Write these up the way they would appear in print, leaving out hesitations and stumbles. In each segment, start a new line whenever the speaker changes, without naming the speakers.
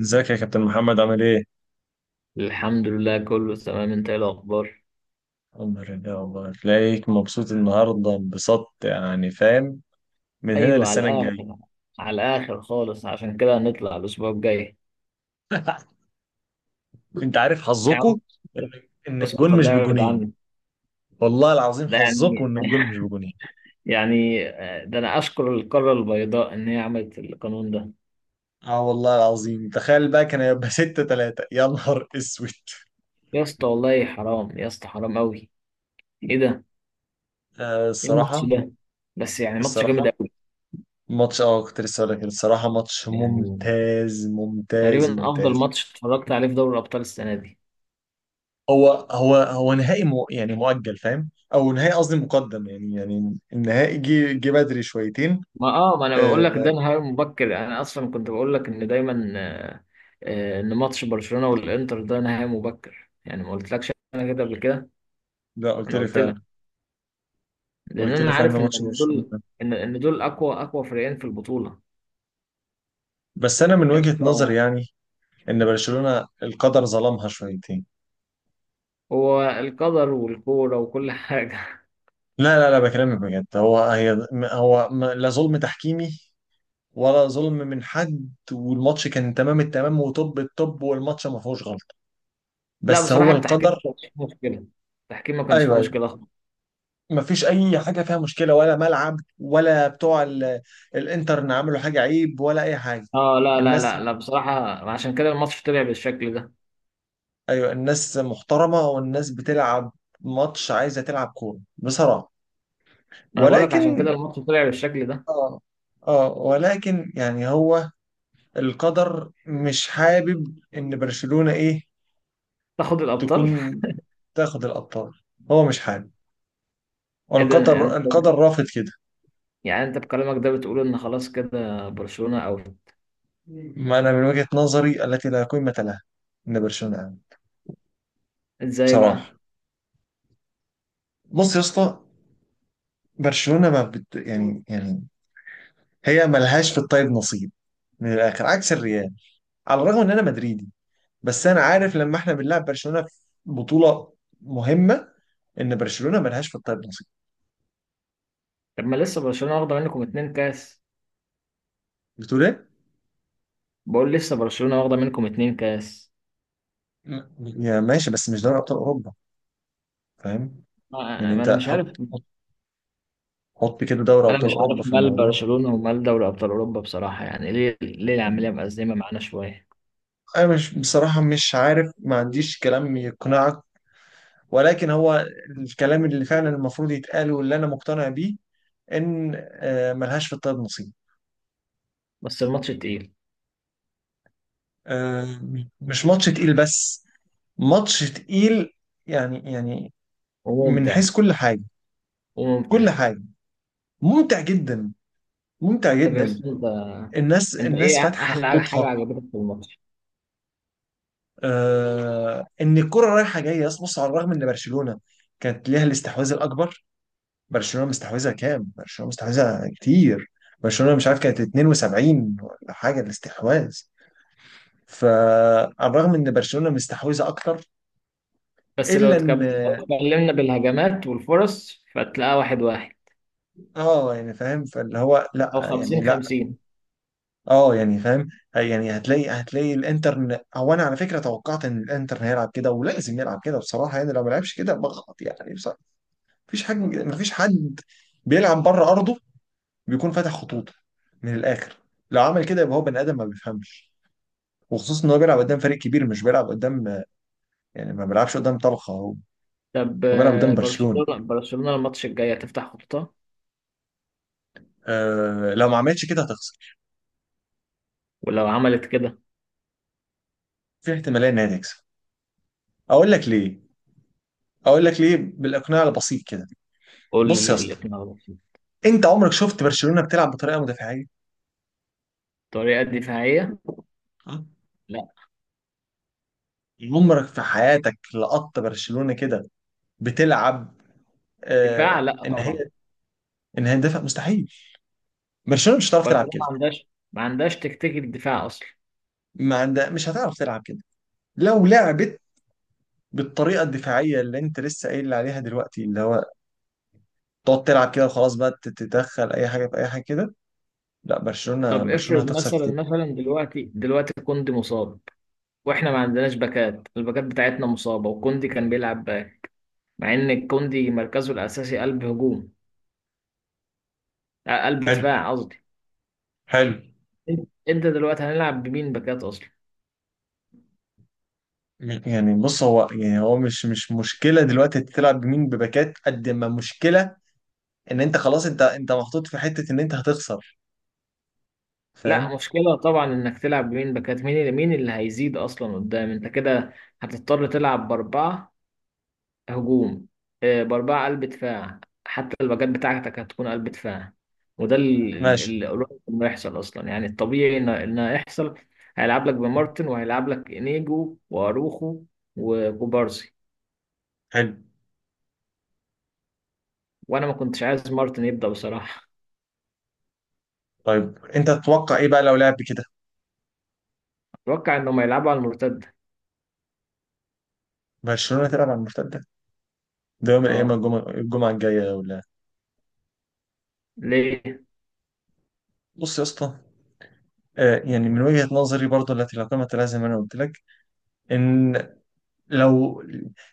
ازيك يا كابتن محمد؟ عامل ايه؟
الحمد لله، كله تمام. انت ايه الاخبار؟
الحمد لله، والله تلاقيك مبسوط النهارده انبساط، يعني فاهم، من هنا
ايوه، على
للسنه الجايه.
الاخر. على الاخر خالص، عشان كده هنطلع الاسبوع الجاي.
انت عارف
يا عم.
حظكم ان
اسكت،
الجون مش
الله يبعد
بجونين.
عني.
والله العظيم
ده
حظكم
يعني
ان الجون مش بجونين.
يعني، ده انا اشكر القاره البيضاء ان هي عملت القانون ده.
اه والله العظيم، تخيل بقى كان هيبقى 6 3، يا نهار اسود.
يا اسطى، والله حرام. يا اسطى، حرام قوي. ايه ده؟
آه
ايه الماتش
الصراحه.
ده؟ بس يعني ماتش جامد
الصراحه
قوي.
ماتش، كنت لسه هقول لك كده. الصراحه ماتش
يعني
ممتاز ممتاز
تقريبا افضل
ممتاز.
ماتش اتفرجت عليه في دوري الابطال السنه دي.
هو نهائي مو يعني مؤجل، فاهم، او نهائي، قصدي مقدم، يعني النهائي جه بدري شويتين.
ما انا بقول
آه.
لك ده نهائي مبكر. يعني انا اصلا كنت بقول لك ان دايما، ان ماتش برشلونة والانتر ده نهائي مبكر. يعني ما قلتلكش انا كده قبل كده؟
لا قلت
انا
لي
قلت
فعلا.
لك. لان
قلت لي
انا
فعلا
عارف
إن
ان
ماتش
إن دول،
برشلونة.
ان دول اقوى اقوى فريقين في البطولة.
بس انا من
يا
وجهة نظري
اسطى.
يعني ان برشلونة القدر ظلمها شويتين.
هو القدر والكورة وكل حاجة.
لا بكلمك بجد. هو هي هو م- لا ظلم تحكيمي ولا ظلم من حد، والماتش كان تمام التمام وطب الطب، والماتش ما فيهوش غلطة.
لا
بس
بصراحة،
هو
التحكيم
القدر.
ما كانش فيه مشكلة. التحكيم ما كانش فيه
ايوه.
مشكلة خالص.
مفيش اي حاجه فيها مشكله، ولا ملعب ولا بتوع الانترن عملوا حاجه عيب ولا اي حاجه.
اه، لا لا
الناس،
لا لا بصراحة. عشان كده الماتش طلع بالشكل ده.
ايوه الناس محترمه، والناس بتلعب ماتش، عايزه تلعب كوره بصراحه.
ما انا بقول لك، عشان
ولكن
كده الماتش طلع بالشكل ده.
اه. اه ولكن يعني هو القدر مش حابب ان برشلونه ايه،
تاخد الابطال.
تكون، تاخد الابطال. هو مش حابب.
ايه ده
والقدر
انت؟
القدر رافض كده.
يعني انت بكلامك ده بتقول ان خلاص كده برشلونة اوت؟
ما انا من وجهه نظري التي لا قيمه لها، ان برشلونه عامل.
ازاي بقى؟
بصراحه، بص يا اسطى، برشلونه ما بت... يعني يعني هي ملهاش في الطيب نصيب، من الاخر، عكس الريال. على الرغم ان انا مدريدي، بس انا عارف لما احنا بنلعب برشلونه في بطوله مهمه ان برشلونه ملهاش في الطيب نصيب.
طب ما لسه برشلونة واخدة منكم اتنين كاس.
بتقول ايه؟
بقول لسه برشلونة واخدة منكم اتنين كاس.
يا ماشي، بس مش دوري ابطال اوروبا، فاهم؟ يعني
ما
انت
انا مش عارف.
حط، حط حط كده دوري
انا
ابطال
مش
اوروبا
عارف
في
مال
الموضوع.
برشلونة ومال دوري ابطال اوروبا بصراحة، يعني ليه العملية
يعني
مأزمة معانا شوية.
انا مش بصراحه مش عارف، ما عنديش كلام يقنعك، ولكن هو الكلام اللي فعلا المفروض يتقال واللي انا مقتنع بيه ان ملهاش في الطب نصيب.
بس الماتش تقيل.
آه، مش ماتش تقيل بس، ماتش تقيل يعني من
وممتع.
حيث كل حاجة، كل
وممتع.
حاجة. ممتع جدا، ممتع
طب يا
جدا.
اسطى، انت
الناس،
انت
الناس
ايه
فاتحة
احلى حاجة
خطوطها.
عجبتك في الماتش؟
آه، ان الكرة رايحة جاية. أصل بص، على الرغم ان برشلونة كانت ليها الاستحواذ الأكبر. برشلونة مستحوذة كام؟ برشلونة مستحوذة كتير. برشلونة مش عارف كانت 72 ولا حاجة الاستحواذ. فعلى الرغم ان برشلونة مستحوذة أكتر،
بس لو
إلا ان،
لو اتكلمنا بالهجمات والفرص فتلاقيها واحد واحد،
اه يعني فاهم، فاللي هو لا
او
يعني
خمسين
لا.
خمسين.
اه يعني فاهم. يعني هتلاقي الانتر، هو انا على فكره توقعت ان الانتر هيلعب كده، ولازم يلعب كده بصراحه يعني. لو ما لعبش كده بغلط يعني بصراحه. مفيش حد بيلعب بره ارضه بيكون فاتح خطوطه، من الاخر. لو عمل كده يبقى هو بني ادم ما بيفهمش، وخصوصا ان هو بيلعب قدام فريق كبير، مش بيلعب قدام، يعني ما بيلعبش قدام طلخه. هو
طب
بيلعب قدام برشلونه.
برشلونة الماتش الجاي هتفتح خطوطها؟
آه لو ما عملتش كده هتخسر.
ولو عملت كده.
في احتماليه ان هي تكسب. اقول لك ليه. اقول لك ليه بالاقناع البسيط كده.
قول لي
بص
ليه
يا اسطى،
اللي على بسيط.
انت عمرك شفت برشلونة بتلعب بطريقة مدافعية؟
طريقة دفاعية.
آه.
لا،
عمرك في حياتك لقطت برشلونة كده بتلعب
دفاع،
آه
لا
ان
طبعا.
هي، ان هي تدافع؟ مستحيل. برشلونة مش هتعرف تلعب
برشلونة ما
كده،
عندهاش، ما عندهاش تكتيك الدفاع اصلا.
ما عندها، مش هتعرف تلعب كده. لو لعبت بالطريقة الدفاعية اللي انت لسه قايل لي عليها دلوقتي، اللي هو تقعد تلعب كده وخلاص بقى تتدخل اي حاجة في اي حاجة كده، لا، برشلونة
طب
برشلونة
افرض
هتخسر
مثلا
كتير.
مثلا دلوقتي كوندي مصاب. واحنا ما عندناش باكات، الباكات بتاعتنا مصابة، وكوندي كان بيلعب باك. مع ان كوندي مركزه الاساسي قلب هجوم. قلب
حلو،
دفاع قصدي.
حلو.
انت دلوقتي هنلعب بمين باكات اصلا؟
يعني بص، هو يعني هو مش مشكلة دلوقتي تلعب بمين بباكات، قد ما مشكلة ان انت خلاص، انت محطوط في حتة ان انت هتخسر،
لا،
فاهم؟
مشكلة طبعا انك تلعب بمين باكات. مين اللي هيزيد اصلا قدام انت كده. هتضطر تلعب باربعة. هجوم. باربعة قلب دفاع. حتى الباكات بتاعتك هتكون قلب دفاع. وده
ماشي.
اللي قريب انه يحصل اصلا، يعني الطبيعي ان انه يحصل. هيلعب لك بمارتن وهيلعب لك انيجو واروخو، وكوبارسي.
حلو.
وانا ما كنتش عايز مارتن يبدأ بصراحة.
طيب انت تتوقع ايه بقى لو لعب كده؟
اتوقع انهم هيلعبوا على المرتدة.
برشلونة تلعب على المرتدة ده يوم الايام
اه.
الجمعة، الجاية ولا؟
ليه.
بص يا اسطى، آه، يعني من وجهة نظري برضو التي لا قيمة لها، زي ما انا قلت لك، ان لو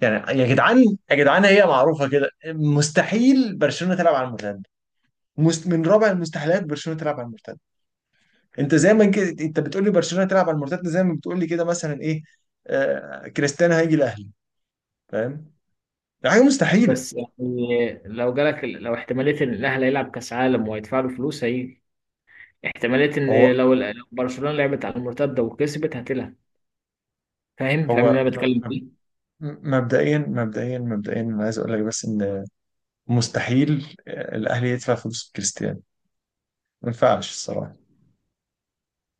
يعني يا جدعان هي معروفة كده، مستحيل برشلونة تلعب على المرتدة. من رابع المستحيلات برشلونة تلعب على المرتدة. انت زي ما كده انت بتقول لي برشلونة تلعب على المرتدة، زي ما بتقول لي كده مثلا ايه، آه كريستيانو هيجي الاهلي. فاهم؟ دي حاجه مستحيله.
بس يعني لو جالك، لو احتمالية ان الاهلي هيلعب كاس عالم وهيدفع له فلوس، هيجي. احتمالية ان
هو
لو برشلونة لعبت على المرتدة وكسبت هتلعب. فاهم اللي
هو
انا بتكلم
م- م-
فيه؟
مبدئيا مبدئيا انا عايز اقول لك بس ان مستحيل الاهلي يدفع فلوس كريستيانو. ما ينفعش الصراحه.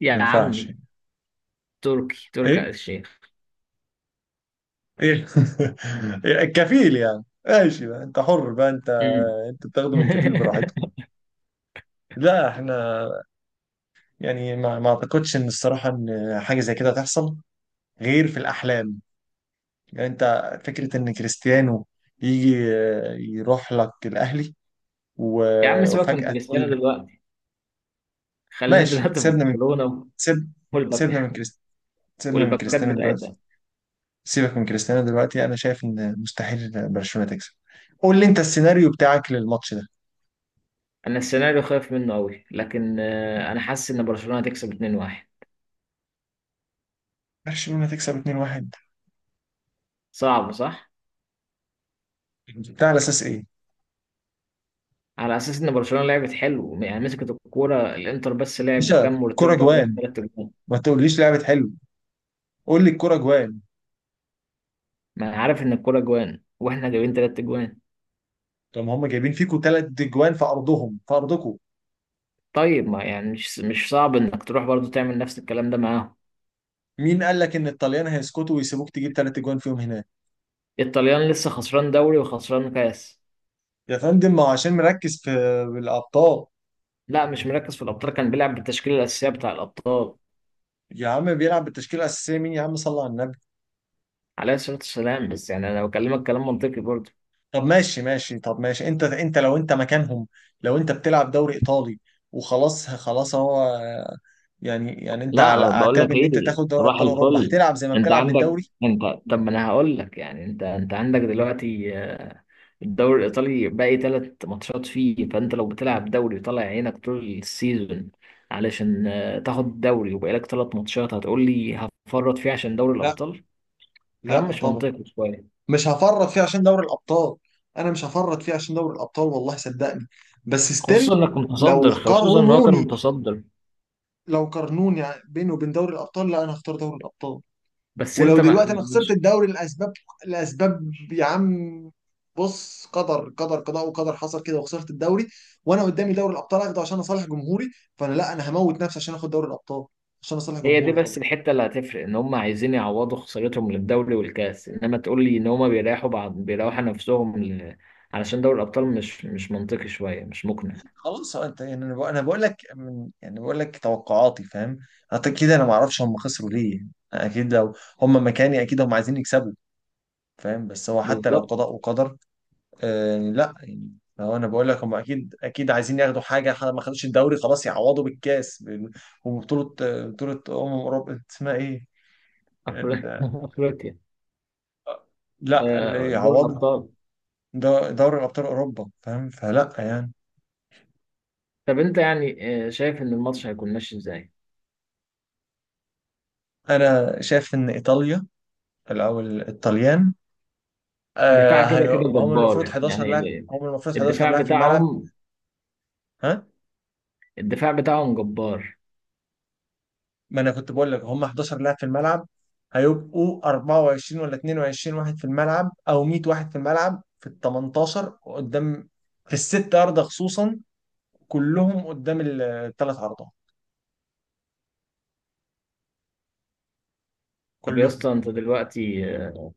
يا
ما ينفعش
عمي.
يعني.
تركي آل
ايه؟
الشيخ.
ايه؟ إيه؟ الكفيل يعني؟ ماشي بقى، انت حر بقى. انت
مم.
انت بتاخده من كفيل براحتك. لا احنا يعني ما اعتقدش ان الصراحه ان حاجه زي كده تحصل غير في الاحلام. يعني انت فكره ان كريستيانو يجي يروح لك الاهلي
يا عم، سيبك من
وفجأة تقول
كريستيانو
لي.
دلوقتي. خلينا
ماشي،
دلوقتي في
سيبنا من،
برشلونة.
سيب،
والباك.
سيبنا من سيبنا من
والباكات
كريستيانو دلوقتي.
بتاعتها.
سيبك من كريستيانو دلوقتي. انا شايف ان مستحيل برشلونة تكسب. قول لي انت السيناريو بتاعك للماتش ده.
انا السيناريو خايف منه قوي، لكن انا حاسس ان برشلونة هتكسب 2-1.
برشلونة تكسب 2-1؟
صعب، صح؟
بتاع على اساس ايه؟
على اساس ان برشلونه لعبت حلو، يعني مسكت الكوره، الانتر بس لعب
باشا
كام
كرة
مرتده جاب
جوان!
ثلاث اجوان.
ما تقوليش لعبة حلو، قول لي الكرة جوان.
ما انا عارف ان الكوره جوان، واحنا جايبين ثلاث اجوان.
طب ما هم جايبين فيكوا ثلاث جوان في ارضهم، في ارضكوا.
طيب ما يعني مش صعب انك تروح برضو تعمل نفس الكلام ده معاهم.
مين قال لك ان الطليان هيسكتوا ويسيبوك تجيب ثلاث جوان فيهم هناك؟
الطليان لسه خسران دوري وخسران كاس.
يا فندم ما هو عشان مركز في الابطال.
لا، مش مركز في الابطال، كان بيلعب بالتشكيله الاساسيه بتاع الابطال.
يا عم بيلعب بالتشكيله الاساسيه مين، يا عم صلى على النبي.
عليه الصلاه والسلام، بس يعني انا بكلمك كلام منطقي برضو.
طب ماشي ماشي، طب ماشي، انت، انت لو انت مكانهم، لو انت بتلعب دوري ايطالي وخلاص، خلاص هو يعني انت على
لا، بقول
اعتاب
لك
ان انت
ايه،
تاخد دوري
صباح
ابطال اوروبا،
الفل.
هتلعب زي ما
انت
بتلعب
عندك.
بالدوري؟
انت. طب ما انا هقول لك، يعني انت عندك دلوقتي، الدوري الإيطالي باقي تلات ماتشات فيه، فأنت لو بتلعب دوري وطالع عينك طول السيزون، علشان تاخد الدوري وبقالك تلات ماتشات، هتقول لي هفرط فيه عشان دوري
لا،
الأبطال؟ كلام
لا
مش
طبعا.
منطقي شوية.
مش هفرط فيه عشان دوري الابطال. انا مش هفرط فيه عشان دوري الابطال والله صدقني. بس ستيل
خصوصا إنك متصدر،
لو
خصوصا إن هو كان
قارنوني،
متصدر.
لو قارنوني بينه وبين دوري الابطال، لا انا هختار دوري الابطال.
بس
ولو
أنت ما
دلوقتي انا خسرت
مش.
الدوري لاسباب، لاسباب يا عم، بص، قدر قدر، قضاء وقدر حصل كده وخسرت الدوري، وانا قدامي دوري الابطال اخده عشان اصالح جمهوري، فانا لا، انا هموت نفسي عشان اخد دوري الابطال عشان اصالح
هي دي
جمهوري طبعا.
بس الحتة اللي هتفرق، إن هم عايزين يعوضوا خسارتهم للدوري والكاس، إنما تقول لي إن هم بيريحوا بعض بيريحوا نفسهم علشان دوري الأبطال مش منطقي شوية، مش مقنع.
خلاص. هو انت يعني، انا بقول، أنا بقول لك من، يعني بقول لك توقعاتي، فاهم؟ حتى كده انا ما اعرفش هم خسروا ليه. يعني اكيد لو هم مكاني اكيد هم عايزين يكسبوا، فاهم؟ بس هو حتى لو
بالظبط.
قضاء وقدر، آه لا يعني هو انا بقول لك هم اكيد اكيد عايزين ياخدوا حاجه. ما خدوش الدوري خلاص، يعوضوا بالكاس، وبطوله، آه، بطوله اوروبا اسمها ايه؟
أفر-
ال-
أفريقيا.
لا اللي
دوري
يعوضوا
الأبطال.
دوري ابطال اوروبا، فاهم؟ فلا يعني.
طب أنت يعني، شايف إن الماتش هيكون ماشي إزاي؟
انا شايف ان ايطاليا او الطليان،
الدفاع
آه
كده كده
هم المفروض
جبار،
11
يعني
لاعب، هم المفروض 11
الدفاع
لاعب في الملعب.
بتاعهم.
ها.
الدفاع بتاعهم جبار.
ما انا كنت بقول لك هم 11 لاعب في الملعب، هيبقوا 24 ولا 22 واحد في الملعب، او 100 واحد في الملعب في ال 18 قدام، في الست عرضة خصوصا، كلهم قدام الثلاث عرضات،
طب يا
كلهم.
اسطى، أنت دلوقتي،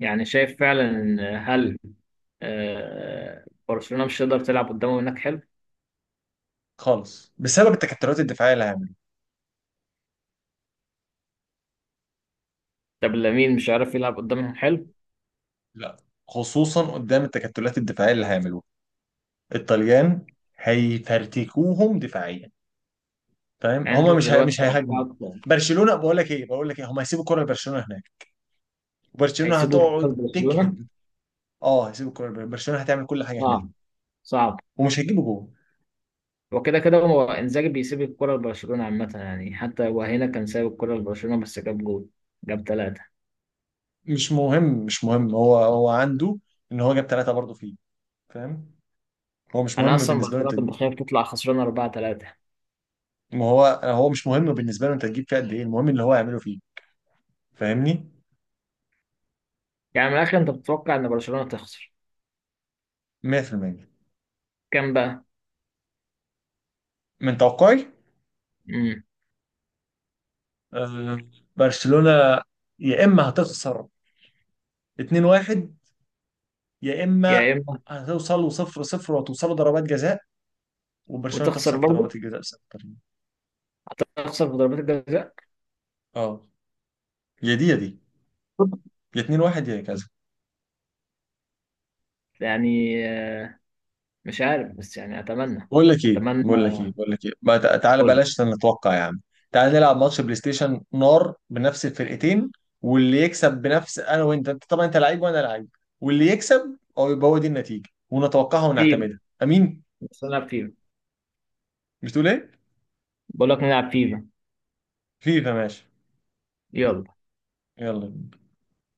يعني شايف فعلا إن، هل، برشلونة مش هتقدر تلعب قدامهم هناك، حلو؟
خالص، بسبب التكتلات الدفاعية اللي هيعملوها.
طب لامين مش عارف يلعب قدامهم، حلو؟
لا، خصوصا قدام التكتلات الدفاعية اللي هيعملوها الطليان، هيفرتكوهم دفاعيا، فاهم؟
يعني أنت
هم
دلوقتي
مش هيهاجموا
توقعك،
برشلونة. بقول لك ايه، بقول لك ايه، هم هيسيبوا الكرة لبرشلونة هناك، وبرشلونة
هيسيبوا
هتقعد
الكورة لبرشلونة؟
تجهد. اه هيسيب الكوره لبرشلونه. برشلونة هتعمل كل حاجه هناك
صعب. صعب.
ومش هيجيبه جول.
وكده كده كده هو انزاجي بيسيب الكرة لبرشلونة عامة، يعني حتى وهنا كان سايب الكرة لبرشلونة بس جاب جول. جاب ثلاثة.
مش مهم، مش مهم. هو عنده ان هو جاب ثلاثه برضه فيه، فاهم؟ هو مش
أنا
مهم
أصلا
بالنسبه له انت
برشلونة كنت
تجيب.
بخاف تطلع خسرانة 4-3.
ما هو هو مش مهم بالنسبه له انت تجيب فيه قد ايه، المهم اللي هو هيعمله فيه، فاهمني؟
يعني من الآخر أنت بتتوقع إن برشلونة تخسر؟
100%،
كام بقى؟
من توقعي.
امم.
آه، برشلونه يا اما هتخسر 2-1، يا
يا
اما
إما.
هتوصلوا 0-0 وتوصلوا ضربات جزاء، وبرشلونه
وتخسر
تخسر في
برضه.
ضربات الجزاء بسبب التمرير.
هتخسر في ضربات الجزاء.
اه، يا دي يا دي، يا 2-1 يا كذا.
يعني، آه، مش عارف، بس يعني أتمنى.
بقول لك ايه
أتمنى.
بقول لك ايه بقول لك ايه ما تع- تعالى
فولا.
بلاش نتوقع يا عم. تعالى نلعب ماتش بلاي ستيشن نار بنفس الفرقتين، واللي يكسب بنفس، انا وانت، انت طبعا انت لعيب وانا لعيب، واللي يكسب او يبقى هو دي النتيجه ونتوقعها
فيفا.
ونعتمدها، امين.
بس نلعب فيفا.
بتقول ايه؟
بقول لك نلعب فيفا.
فيفا، ماشي،
يلا.
يلا.